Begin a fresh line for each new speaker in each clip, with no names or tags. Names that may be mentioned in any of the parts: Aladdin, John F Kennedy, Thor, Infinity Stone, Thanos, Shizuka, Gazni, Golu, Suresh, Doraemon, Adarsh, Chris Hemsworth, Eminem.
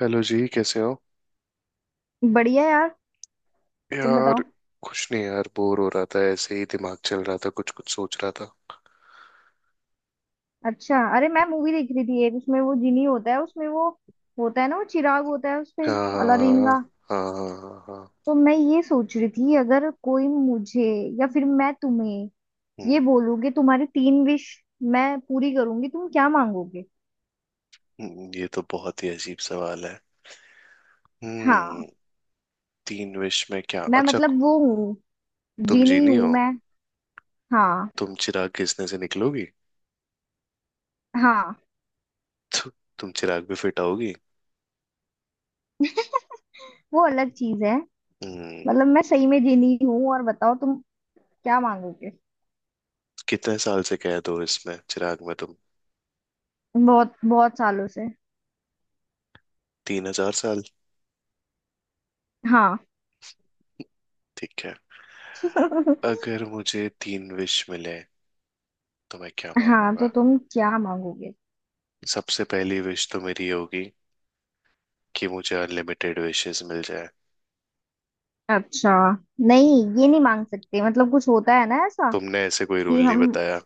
Hello जी, कैसे हो?
बढ़िया यार। तुम
यार।
बताओ।
कुछ नहीं यार, बोर हो रहा था, ऐसे ही दिमाग चल रहा था, कुछ कुछ सोच रहा था।
अच्छा, अरे मैं मूवी देख रही थी, एक उसमें वो जिनी होता है, उसमें वो होता है ना, वो चिराग होता है उसपे, अलादीन
हाँ,
का।
हाँ, हाँ, हाँ, हाँ।
तो मैं ये सोच रही थी, अगर कोई मुझे या फिर मैं तुम्हें ये
हम्म
बोलूंगी तुम्हारी तीन विश मैं पूरी करूंगी, तुम क्या मांगोगे?
ये तो बहुत ही अजीब सवाल है। हम्म।
हाँ।
तीन विश में क्या
मैं
अच्छा?
मतलब वो हूँ,
तुम
जिनी
जीनी
हूँ
हो?
मैं। हाँ
तुम चिराग घिसने से निकलोगी?
हाँ।
तु, तुम चिराग भी फिट आओगी?
वो अलग चीज है।
हम्म।
मतलब मैं सही में जिनी हूँ, और बताओ तुम क्या मांगोगे?
कितने साल से कैद हो इसमें, चिराग में तुम?
बहुत बहुत सालों से।
3000 साल?
हाँ।
ठीक है। अगर मुझे तीन विश मिले तो मैं क्या
हाँ तो
मांगूंगा?
तुम क्या मांगोगे?
सबसे पहली विश तो मेरी ये होगी कि मुझे अनलिमिटेड विशेस मिल जाए।
अच्छा। नहीं, ये नहीं मांग सकते, मतलब कुछ होता है ना ऐसा,
तुमने ऐसे कोई
कि
रूल नहीं
हम।
बताया।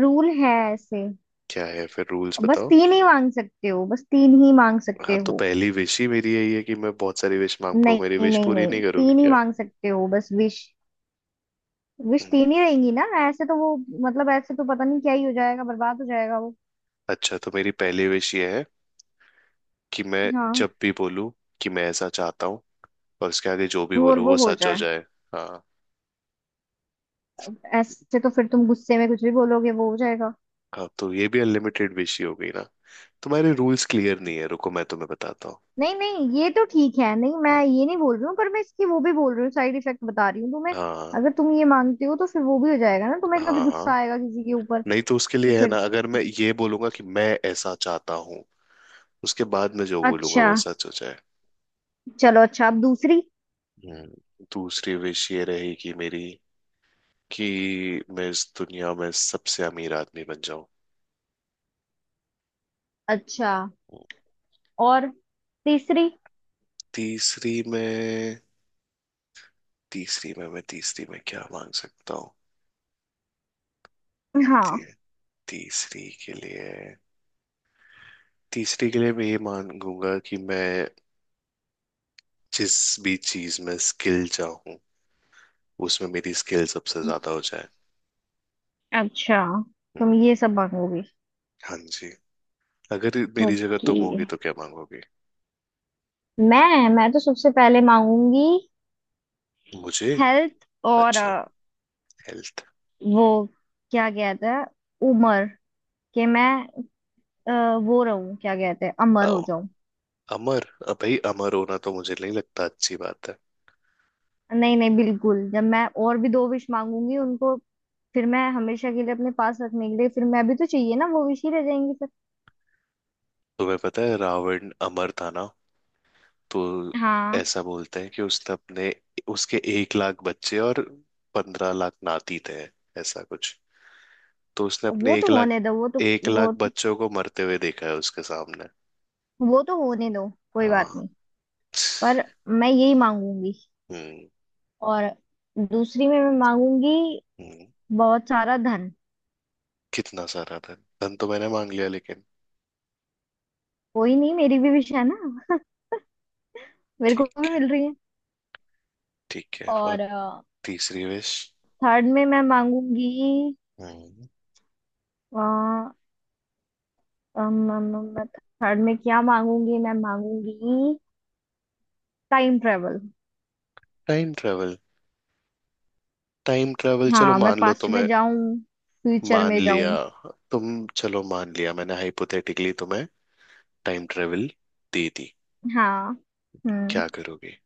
रूल है ऐसे।
क्या है फिर? रूल्स
बस
बताओ।
तीन ही मांग सकते हो, बस तीन ही मांग
हाँ,
सकते
तो
हो।
पहली विश ही मेरी यही है कि मैं बहुत सारी विश मांग पाऊँ। मेरी
नहीं
विश
नहीं।
पूरी
नहीं,
नहीं करोगी
तीन ही
क्या?
मांग सकते हो बस, विश विश
हम्म,
तीन ही रहेंगी ना, ऐसे तो वो। मतलब ऐसे तो पता नहीं क्या ही हो जाएगा, बर्बाद हो जाएगा वो।
अच्छा, तो मेरी पहली विश ये है कि मैं
हाँ।
जब भी बोलूँ कि मैं ऐसा चाहता हूँ, और उसके आगे जो भी
वो, और
बोलूँ
वो
वो
हो
सच हो
जाए।
जाए। हाँ,
ऐसे तो फिर तुम गुस्से में कुछ भी बोलोगे, वो हो जाएगा।
हाँ, तो ये भी अनलिमिटेड विश ही हो गई ना। तुम्हारे रूल्स क्लियर नहीं है, रुको मैं तुम्हें बताता हूँ।
नहीं नहीं, ये तो ठीक है, नहीं मैं ये नहीं बोल रही हूँ, पर मैं इसकी वो भी बोल रही हूँ, साइड इफेक्ट बता रही हूँ तुम्हें।
हाँ,
अगर तुम ये मांगते हो तो फिर वो भी हो जाएगा ना, तुम्हें कभी
हाँ, हाँ।
गुस्सा आएगा किसी के ऊपर,
नहीं तो उसके
तो
लिए है
फिर।
ना, अगर मैं ये बोलूंगा कि मैं ऐसा चाहता हूँ, उसके बाद मैं जो बोलूंगा
अच्छा
वो सच हो जाए।
चलो। अच्छा, अब दूसरी।
दूसरी विश ये रहेगी मेरी कि मैं इस दुनिया में सबसे अमीर आदमी बन जाऊं।
अच्छा, और तीसरी।
तीसरी में। तीसरी में मैं तीसरी में क्या मांग सकता हूँ?
हाँ।
ती, तीसरी के लिए तीसरी के लिए मैं ये मांगूंगा कि मैं जिस भी चीज में स्किल चाहूँ, उसमें मेरी स्किल सबसे ज्यादा हो जाए।
अच्छा,
हम्म।
तुम ये सब मांगोगी।
हाँ जी। अगर मेरी जगह
ओके।
तुम होगी तो क्या मांगोगे?
मैं तो सबसे पहले मांगूंगी
मुझे।
हेल्थ और
अच्छा। हेल्थ।
वो क्या कहते हैं, उम्र, कि मैं अ, वो रहूं, क्या कहते हैं, अमर हो।
अमर, भाई, अमर होना तो मुझे नहीं लगता अच्छी बात है।
नहीं नहीं, बिल्कुल, जब मैं और भी दो विश मांगूंगी उनको, फिर मैं हमेशा के लिए अपने पास रखने के लिए, फिर मैं भी तो चाहिए ना वो विश ही रह जाएंगी फिर।
तुम्हें पता है रावण अमर था ना। तो
हाँ।
ऐसा बोलते हैं कि उसने अपने, उसके 1 लाख बच्चे और 15 लाख नाती थे, ऐसा कुछ। तो उसने अपने
वो तो
एक लाख
होने दो,
एक
वो
लाख
तो,
बच्चों को मरते हुए देखा है उसके सामने।
वो तो होने दो, कोई बात
हाँ।
नहीं। पर मैं यही मांगूंगी।
हम्म।
और दूसरी में मैं मांगूंगी
हम्म।
बहुत सारा धन।
कितना सारा धन? धन तो मैंने मांग लिया लेकिन।
कोई नहीं, मेरी भी विश है ना। मेरे को
ठीक
भी
है,
मिल रही है।
ठीक है, और
और
तीसरी विश।
थर्ड में मैं मांगूंगी अ, अम, अम, अम, थर्ड में क्या मांगूंगी? मैं मांगूंगी time travel.
Time travel. Time travel, चलो
हाँ, मैं
मान लो
पास्ट में
तुम्हें।
जाऊं, फ्यूचर
मान
में
लिया।
जाऊं।
तुम, चलो मान लिया मैंने, हाइपोथेटिकली तुम्हें टाइम ट्रेवल दे दी।
हाँ। हम्म
क्या करोगे?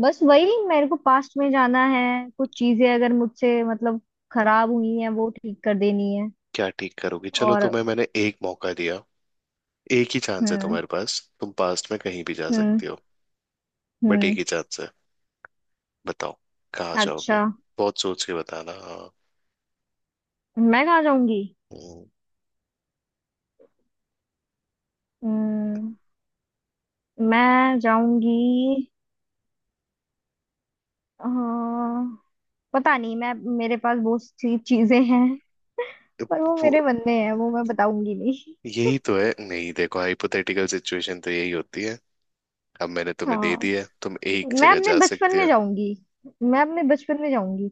बस वही, मेरे को पास्ट में जाना है, कुछ चीजें अगर मुझसे मतलब खराब हुई हैं वो ठीक कर देनी है।
क्या ठीक करोगे? चलो
और
तुम्हें मैंने एक मौका दिया। एक ही चांस है
हम्म
तुम्हारे पास, तुम पास्ट में कहीं भी जा
हम्म
सकती हो। बट एक
हम्म
ही चांस है। बताओ। कहाँ
अच्छा,
जाओगे? बहुत सोच के बताना हाँ।
मैं कहाँ जाऊंगी?
हम्म,
हम्म मैं जाऊंगी अ, पता नहीं। मैं, मेरे पास बहुत सी चीजें हैं,
अब
पर वो
वो।
मेरे मन में है, वो मैं बताऊंगी नहीं।
यही तो है नहीं, देखो हाइपोथेटिकल सिचुएशन तो यही होती है। अब मैंने तुम्हें दे
हाँ,
दिया, तुम एक
मैं
जगह
अपने
जा
बचपन
सकती
में
हो।
जाऊंगी। मैं अपने बचपन में जाऊंगी।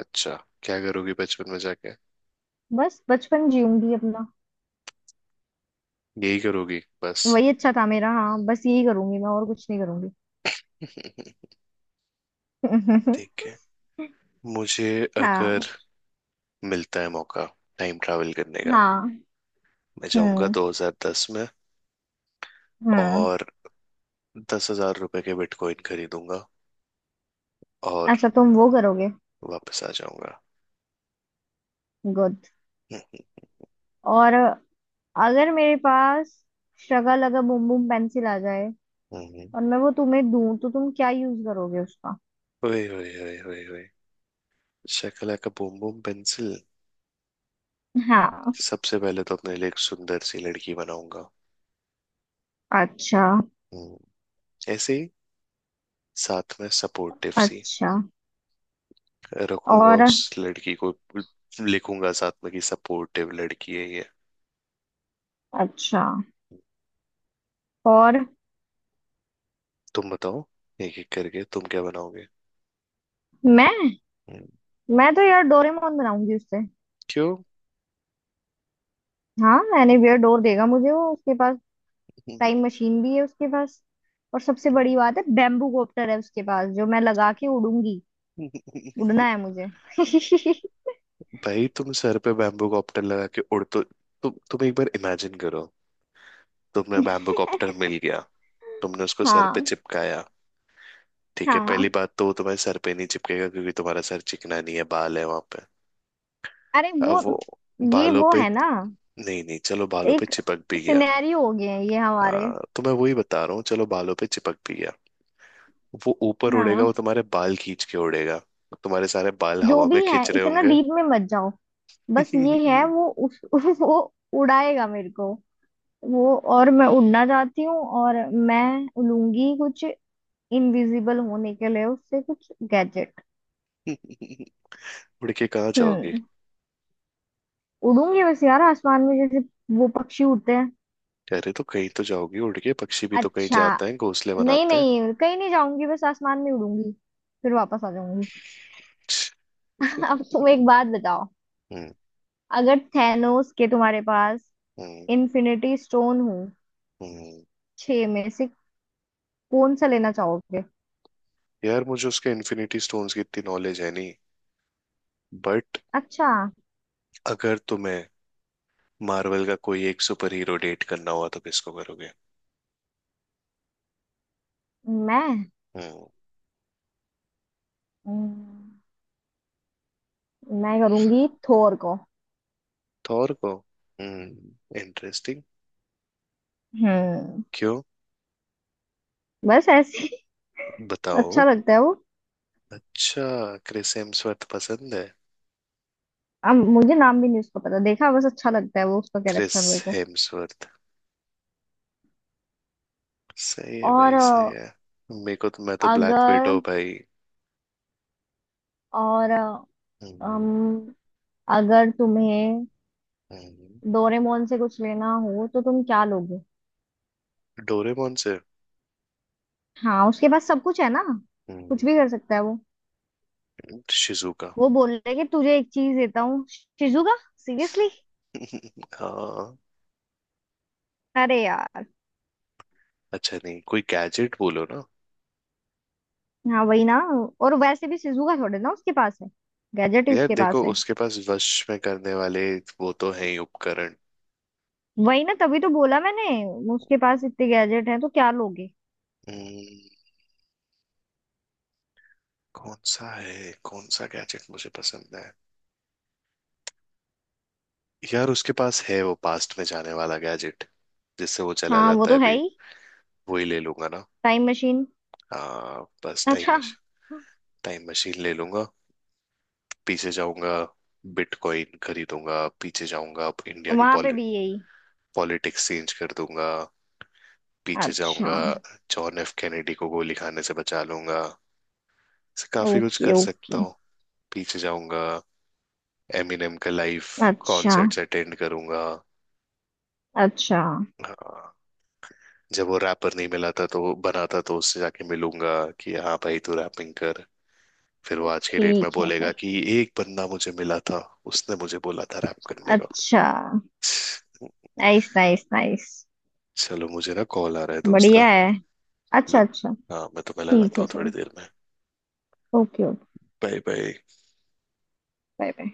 अच्छा। क्या करोगी बचपन में जाके?
बस बचपन जीऊंगी अपना।
यही करोगी बस?
वही अच्छा था मेरा, हाँ बस यही करूंगी, मैं और कुछ नहीं करूंगी।
ठीक है। मुझे,
हाँ।
अगर मिलता है मौका टाइम ट्रैवल करने का,
हाँ।
मैं जाऊंगा
हम्म।
2010 में
हम्म।
और 10,000 रुपए के बिटकॉइन खरीदूंगा और
अच्छा, तुम वो करोगे।
वापस आ जाऊंगा।
गुड। और अगर मेरे पास शगा लगा बुम बुम पेंसिल आ जाए
हम्म,
और मैं वो तुम्हें दूं, तो तुम क्या यूज करोगे उसका?
ओए ओए ओए ओए ओए! शकला का बूम बूम पेंसिल।
हाँ।
सबसे पहले तो अपने लिए एक सुंदर सी लड़की बनाऊंगा।
अच्छा।
हम्म, ऐसे ही, साथ में सपोर्टिव सी
अच्छा।
रखूंगा
और।
उस लड़की को। लिखूंगा साथ में कि सपोर्टिव लड़की है ये।
अच्छा। और
तुम बताओ। एक एक करके तुम क्या बनाओगे?
मैं
हम्म,
मैं तो यार डोरेमोन बनाऊंगी उससे।
क्यों?
हाँ, एनीवेयर डोर देगा मुझे वो, उसके पास टाइम मशीन भी है उसके पास। और सबसे बड़ी बात है, बैम्बू कॉप्टर है उसके पास, जो मैं लगा के उड़ूंगी। उड़ना है मुझे।
भाई, तुम सर पे बैम्बू कॉप्टर लगा के उड़, तो तुम एक बार इमेजिन करो। तुम्हें बैम्बू कॉप्टर मिल गया। तुमने उसको सर पे
हाँ।
चिपकाया। ठीक है, पहली
हाँ।
बात तो वो तुम्हारे सर पे नहीं चिपकेगा क्योंकि तुम्हारा सर चिकना नहीं है, बाल है वहां पे।
अरे
अब
वो,
वो
ये
बालों
वो
पे।
है ना,
नहीं नहीं चलो बालों पे
एक
चिपक भी गया।
सिनेरियो हो गए हैं ये हमारे।
हाँ, तो मैं वही बता रहा हूँ, चलो बालों पे चिपक भी गया। वो ऊपर उड़ेगा, वो
हाँ,
तुम्हारे बाल खींच के उड़ेगा। तुम्हारे सारे बाल
जो
हवा में
भी है,
खींच रहे
इतना
होंगे।
डीप में मत जाओ, बस ये है वो उस वो उड़ाएगा मेरे को, वो, और मैं उड़ना चाहती हूँ। और मैं उड़ूंगी, कुछ इनविजिबल होने के लिए उससे कुछ गैजेट।
उड़ के कहाँ जाओगी?
हम्म। उड़ूंगी बस यार आसमान में, जैसे वो पक्षी उड़ते हैं।
कह रहे तो कहीं तो जाओगी उड़ के, पक्षी भी तो कहीं
अच्छा।
जाता है, घोंसले
नहीं
बनाता है।
नहीं, कहीं नहीं जाऊंगी, बस आसमान में उड़ूंगी, फिर वापस आ जाऊंगी। अब तुम एक बात बताओ,
हम्म,
अगर थैनोस के तुम्हारे पास
हम्म,
इन्फिनिटी स्टोन हो
हम्म।
छह में से, कौन सा लेना चाहोगे?
यार, मुझे उसके इन्फिनिटी स्टोन्स की इतनी नॉलेज है नहीं। बट,
अच्छा।
अगर तुम्हें मार्वल का कोई एक सुपर हीरो डेट करना हुआ तो किसको करोगे?
मैं
हम्म।
हम्म, मैं करूंगी थोर को।
थॉर को। इंटरेस्टिंग।
हम्म
क्यों?
बस ऐसे ही।
बताओ।
अच्छा लगता है वो।
अच्छा। क्रिस हेम्सवर्थ पसंद है?
अब मुझे नाम भी नहीं उसका पता, देखा बस अच्छा लगता है वो, उसका
क्रिस
कैरेक्टर मेरे को।
हेम्सवर्थ, सही है
और
भाई, सही है। मेरे को तो, मैं तो ब्लैक
अगर,
विडो भाई।
और
हम्म।
अम, अगर तुम्हें
हम्म,
डोरेमोन से कुछ लेना हो, तो तुम क्या लोगे?
डोरेमोन से।
हाँ, उसके पास सब कुछ है ना, कुछ
हम्म,
भी कर सकता है वो।
शिजुका।
वो बोल रहे कि तुझे एक चीज देता हूँ शिजुका, सीरियसली?
हाँ।
अरे यार।
अच्छा, नहीं, कोई गैजेट बोलो ना।
हाँ वही ना। और वैसे भी शिजुका थोड़े ना उसके पास है, गैजेट ही
यार
उसके
देखो,
पास है।
उसके पास वश में करने वाले वो तो है ही उपकरण।
वही ना, तभी तो बोला मैंने, उसके पास इतने गैजेट हैं तो क्या लोगे?
हम्म, कौन सा है, कौन सा गैजेट मुझे पसंद है? यार, उसके पास है वो पास्ट में जाने वाला गैजेट, जिससे वो चला
हाँ वो
जाता है
तो है
अभी।
ही।
वो ही ले लूंगा ना।
Time machine.
हाँ, बस टाइम
अच्छा।
मशीन। टाइम मशीन ले लूंगा। पीछे जाऊंगा। बिटकॉइन खरीदूंगा, पीछे जाऊंगा, अब इंडिया की
वहां पे भी यही।
पॉलिटिक्स चेंज कर दूंगा। पीछे
अच्छा।
जाऊंगा, जॉन एफ कैनेडी को गोली खाने से बचा लूंगा। ऐसे काफी कुछ
ओके
कर सकता
ओके।
हूँ। पीछे जाऊंगा, एमिनेम का लाइव
अच्छा
कॉन्सर्ट्स अटेंड करूंगा।
अच्छा।
हाँ, जब वो रैपर नहीं मिला था, तो बनाता तो उससे जाके मिलूंगा कि हाँ भाई, तू रैपिंग कर। फिर वो आज के डेट में
ठीक है
बोलेगा
फिर।
कि एक बंदा मुझे मिला था, उसने मुझे बोला था रैप करने का।
अच्छा। Nice nice nice.
चलो, मुझे ना कॉल आ रहा है दोस्त का।
बढ़िया है। अच्छा
मैं,
अच्छा।
हाँ, मैं तुम्हें
ठीक
लगाता
है
हूँ थोड़ी
चलो।
देर में।
Okay okay.
Bye bye.
Bye bye.